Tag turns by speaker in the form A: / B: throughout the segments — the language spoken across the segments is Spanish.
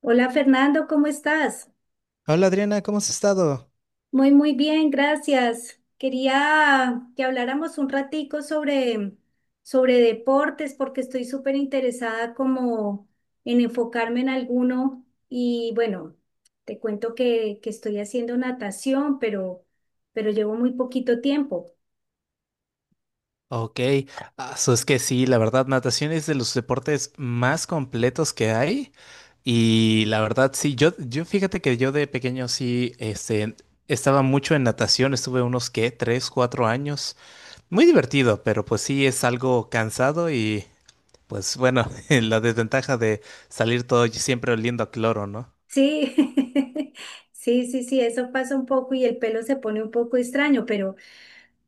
A: Hola Fernando, ¿cómo estás?
B: Hola Adriana, ¿cómo has estado?
A: Muy, muy bien, gracias. Quería que habláramos un ratico sobre deportes porque estoy súper interesada como en enfocarme en alguno y bueno, te cuento que estoy haciendo natación, pero llevo muy poquito tiempo.
B: Ok, es que sí, la verdad, natación es de los deportes más completos que hay. Y la verdad, sí, yo fíjate que yo de pequeño sí, estaba mucho en natación, estuve unos, ¿qué? 3, 4 años. Muy divertido, pero pues sí es algo cansado y pues bueno, la desventaja de salir todo siempre oliendo a cloro, ¿no?
A: Sí, sí, sí, sí, eso pasa un poco y el pelo se pone un poco extraño, pero,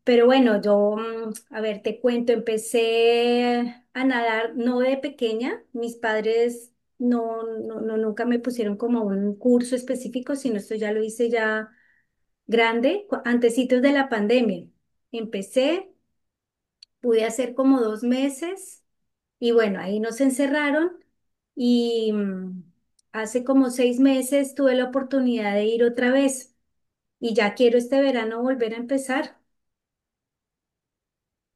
A: pero bueno, yo, a ver, te cuento, empecé a nadar no de pequeña, mis padres no, no, no, nunca me pusieron como un curso específico, sino esto ya lo hice ya grande, antecitos de la pandemia. Empecé, pude hacer como 2 meses. Y bueno, ahí nos encerraron y hace como 6 meses tuve la oportunidad de ir otra vez y ya quiero este verano volver a empezar,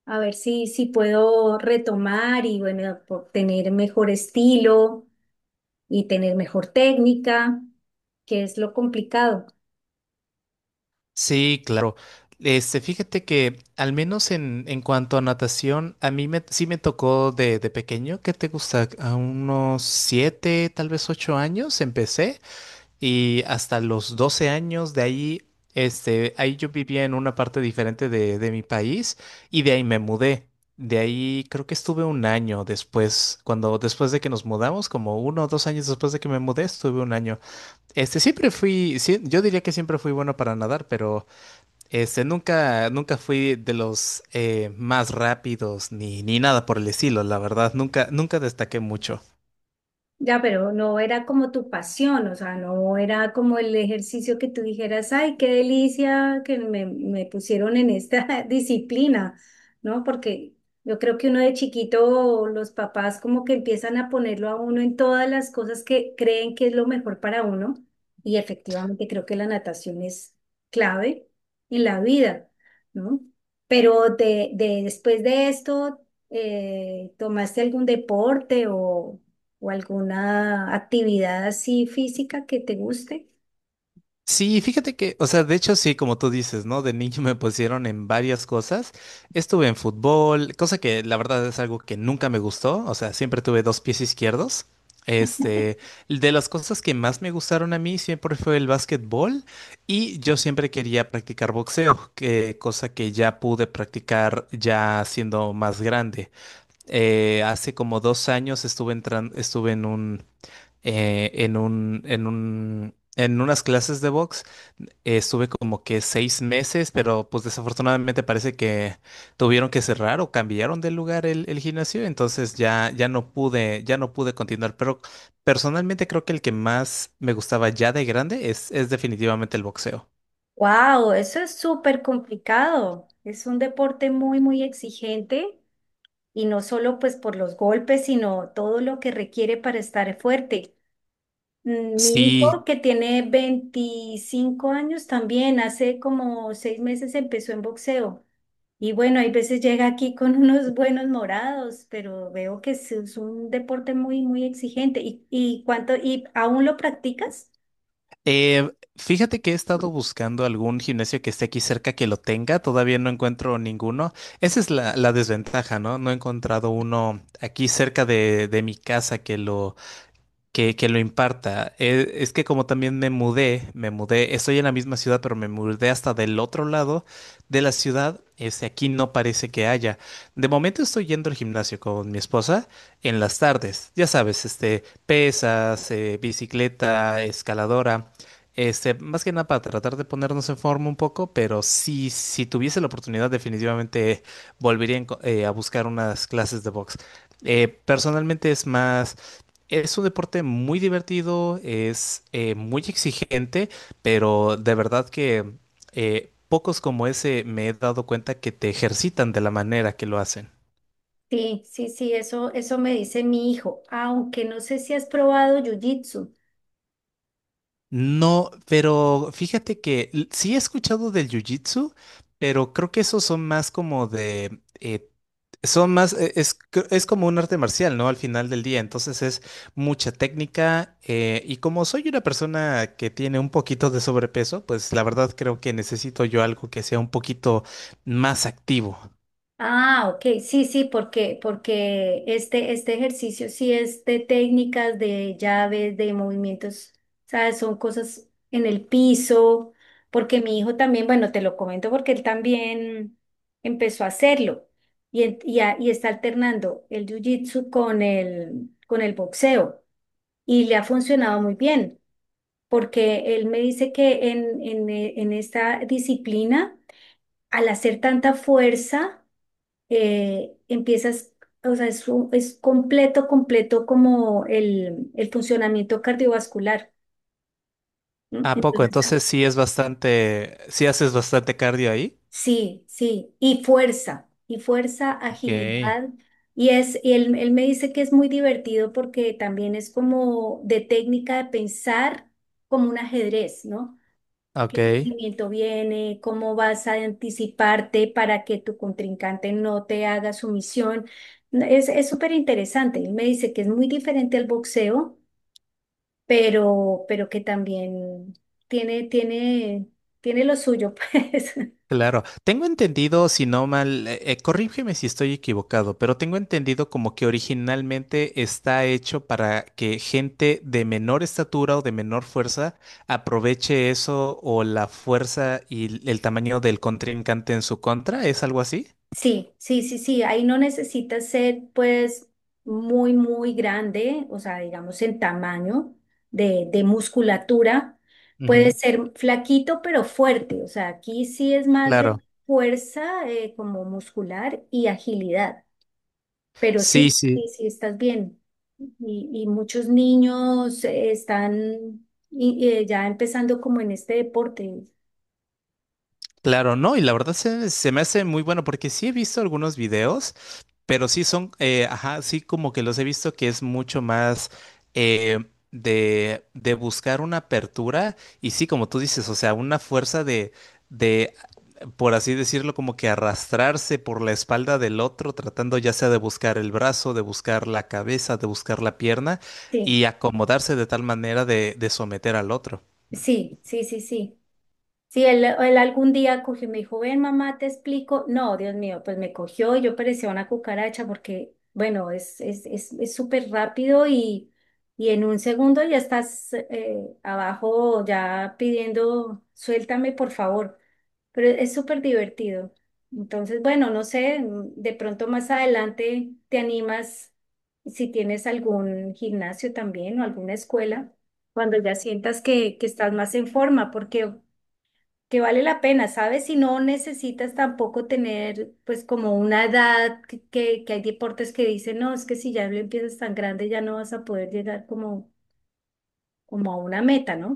A: a ver si puedo retomar y bueno, por tener mejor estilo y tener mejor técnica, que es lo complicado.
B: Sí, claro. Fíjate que al menos en cuanto a natación, a mí me, sí me tocó de pequeño, ¿qué te gusta? A unos 7, tal vez 8 años empecé y hasta los 12 años de ahí, ahí yo vivía en una parte diferente de mi país y de ahí me mudé. De ahí creo que estuve un año después, cuando después de que nos mudamos, como uno o dos años después de que me mudé, estuve un año. Siempre fui, sí, yo diría que siempre fui bueno para nadar, pero nunca, nunca fui de los más rápidos ni nada por el estilo, la verdad, nunca, nunca destaqué mucho.
A: Ya, pero no era como tu pasión, o sea, no era como el ejercicio que tú dijeras, ay, qué delicia que me pusieron en esta disciplina, ¿no? Porque yo creo que uno de chiquito, los papás como que empiezan a ponerlo a uno en todas las cosas que creen que es lo mejor para uno, y efectivamente creo que la natación es clave en la vida, ¿no? Pero después de esto, ¿tomaste algún deporte o alguna actividad así física que te guste?
B: Sí, fíjate que, o sea, de hecho sí, como tú dices, ¿no? De niño me pusieron en varias cosas. Estuve en fútbol, cosa que la verdad es algo que nunca me gustó, o sea, siempre tuve dos pies izquierdos. Este, de las cosas que más me gustaron a mí siempre fue el básquetbol y yo siempre quería practicar boxeo, que, cosa que ya pude practicar ya siendo más grande. Hace como 2 años estuve en un, en un, en un, en unas clases de box. Estuve como que 6 meses, pero pues desafortunadamente parece que tuvieron que cerrar o cambiaron de lugar el gimnasio, entonces ya, ya no pude continuar. Pero personalmente creo que el que más me gustaba ya de grande es definitivamente el boxeo.
A: Wow, eso es súper complicado. Es un deporte muy, muy exigente y no solo pues por los golpes, sino todo lo que requiere para estar fuerte. Mi hijo
B: Sí,
A: que tiene 25 años también, hace como 6 meses empezó en boxeo y bueno, hay veces llega aquí con unos buenos morados, pero veo que es un deporte muy, muy exigente. ¿Y aún lo practicas?
B: Eh, Fíjate que he estado buscando algún gimnasio que esté aquí cerca que lo tenga, todavía no encuentro ninguno. Esa es la desventaja, ¿no? No he encontrado uno aquí cerca de mi casa que lo imparta. Que como también me mudé, estoy en la misma ciudad, pero me mudé hasta del otro lado de la ciudad. Aquí no parece que haya. De momento estoy yendo al gimnasio con mi esposa en las tardes. Ya sabes, pesas, bicicleta, escaladora. Más que nada para tratar de ponernos en forma un poco, pero sí, si tuviese la oportunidad, definitivamente volvería a buscar unas clases de box. Personalmente es más es un deporte muy divertido, es muy exigente, pero de verdad que pocos como ese me he dado cuenta que te ejercitan de la manera que lo hacen.
A: Sí, sí, sí, eso me dice mi hijo, aunque no sé si has probado jiu-jitsu.
B: No, pero fíjate que sí he escuchado del jiu-jitsu, pero creo que esos son más como de son más es como un arte marcial, ¿no? Al final del día. Entonces es mucha técnica. Y como soy una persona que tiene un poquito de sobrepeso, pues la verdad creo que necesito yo algo que sea un poquito más activo.
A: Ah, ok, sí, sí, porque este ejercicio sí es de técnicas, de llaves, de movimientos, ¿sabes? Son cosas en el piso, porque mi hijo también, bueno, te lo comento porque él también empezó a hacerlo y está alternando el jiu-jitsu con el boxeo y le ha funcionado muy bien. Porque él me dice que en esta disciplina, al hacer tanta fuerza, empiezas, o sea, es completo, completo como el funcionamiento cardiovascular. ¿Mm?
B: ¿A poco?
A: Entonces,
B: Entonces sí es bastante. Sí haces bastante cardio ahí.
A: sí, sí, y fuerza,
B: Ok.
A: agilidad. Y y él me dice que es muy divertido porque también es como de técnica de pensar como un ajedrez, ¿no?
B: Ok.
A: Qué movimiento viene, cómo vas a anticiparte para que tu contrincante no te haga sumisión. Es súper interesante. Él me dice que es muy diferente al boxeo, pero que también tiene, tiene, tiene lo suyo, pues.
B: Claro, tengo entendido, si no mal, corrígeme si estoy equivocado, pero tengo entendido como que originalmente está hecho para que gente de menor estatura o de menor fuerza aproveche eso o la fuerza y el tamaño del contrincante en su contra, ¿es algo así?
A: Sí, sí, sí, sí, ahí no necesita ser pues muy, muy grande, o sea, digamos en tamaño de musculatura. Puede
B: Ujú.
A: ser flaquito pero fuerte, o sea, aquí sí es más de
B: Claro,
A: fuerza como muscular y agilidad, pero
B: sí,
A: sí,
B: sí,
A: sí, sí estás bien. Y muchos niños están ya empezando como en este deporte.
B: claro, no, y la verdad se, se me hace muy bueno porque sí he visto algunos videos. Pero sí son, ajá, sí como que los he visto que es mucho más eh, de buscar una apertura y sí, como tú dices, o sea, una fuerza de, por así decirlo, como que arrastrarse por la espalda del otro, tratando ya sea de buscar el brazo, de buscar la cabeza, de buscar la pierna y
A: Sí,
B: acomodarse de tal manera de someter al otro.
A: sí, sí, sí, sí. Si él algún día cogió y me dijo, ven mamá, te explico. No, Dios mío, pues me cogió y yo parecía una cucaracha porque, bueno, es súper rápido y en un segundo ya estás abajo ya pidiendo, suéltame por favor. Pero es súper divertido. Entonces, bueno, no sé, de pronto más adelante te animas si tienes algún gimnasio también o alguna escuela, cuando ya sientas que estás más en forma, porque que vale la pena, ¿sabes? Si no necesitas tampoco tener pues como una edad que hay deportes que dicen, no, es que si ya lo empiezas tan grande ya no vas a poder llegar como a una meta, ¿no?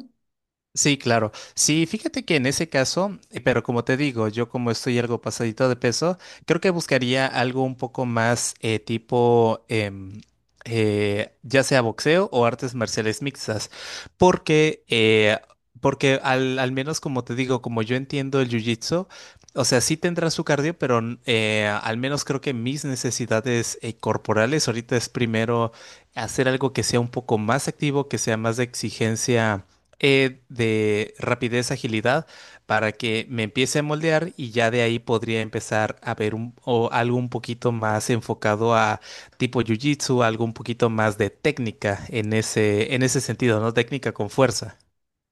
B: Sí, claro. Sí, fíjate que en ese caso, pero como te digo, yo como estoy algo pasadito de peso, creo que buscaría algo un poco más tipo, ya sea boxeo o artes marciales mixtas, porque, porque al menos como te digo, como yo entiendo el jiu-jitsu, o sea, sí tendrá su cardio, pero al menos creo que mis necesidades corporales ahorita es primero hacer algo que sea un poco más activo, que sea más de exigencia de rapidez, agilidad, para que me empiece a moldear y ya de ahí podría empezar a ver un, o algo un poquito más enfocado a tipo jiu-jitsu, algo un poquito más de técnica en ese sentido, ¿no? Técnica con fuerza.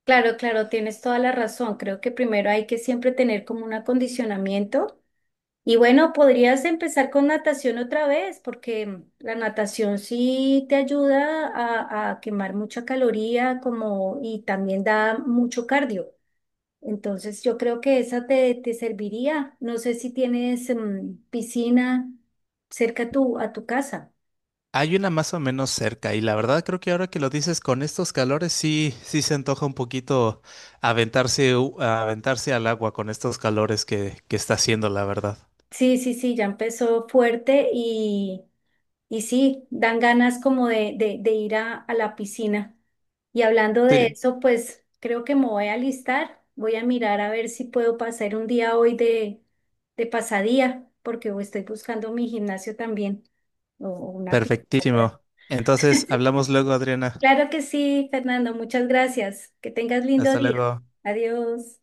A: Claro, claro, tienes toda la razón. Creo que primero hay que siempre tener como un acondicionamiento. Y bueno, podrías empezar con natación otra vez, porque la natación sí te ayuda a quemar mucha caloría como, y también da mucho cardio. Entonces yo creo que esa te serviría. No sé si tienes piscina cerca a tu casa.
B: Hay una más o menos cerca y la verdad creo que ahora que lo dices con estos calores sí, sí se antoja un poquito aventarse, aventarse al agua con estos calores que está haciendo, la verdad.
A: Sí, sí, sí, ya empezó fuerte y sí, dan ganas como de ir a la piscina. Y hablando de
B: Sí,
A: eso, pues creo que me voy a alistar. Voy a mirar a ver si puedo pasar un día hoy de pasadía, porque estoy buscando mi gimnasio también o una piscina.
B: perfectísimo. Entonces, hablamos luego, Adriana.
A: Claro que sí, Fernando. Muchas gracias. Que tengas lindo
B: Hasta
A: día.
B: luego.
A: Adiós.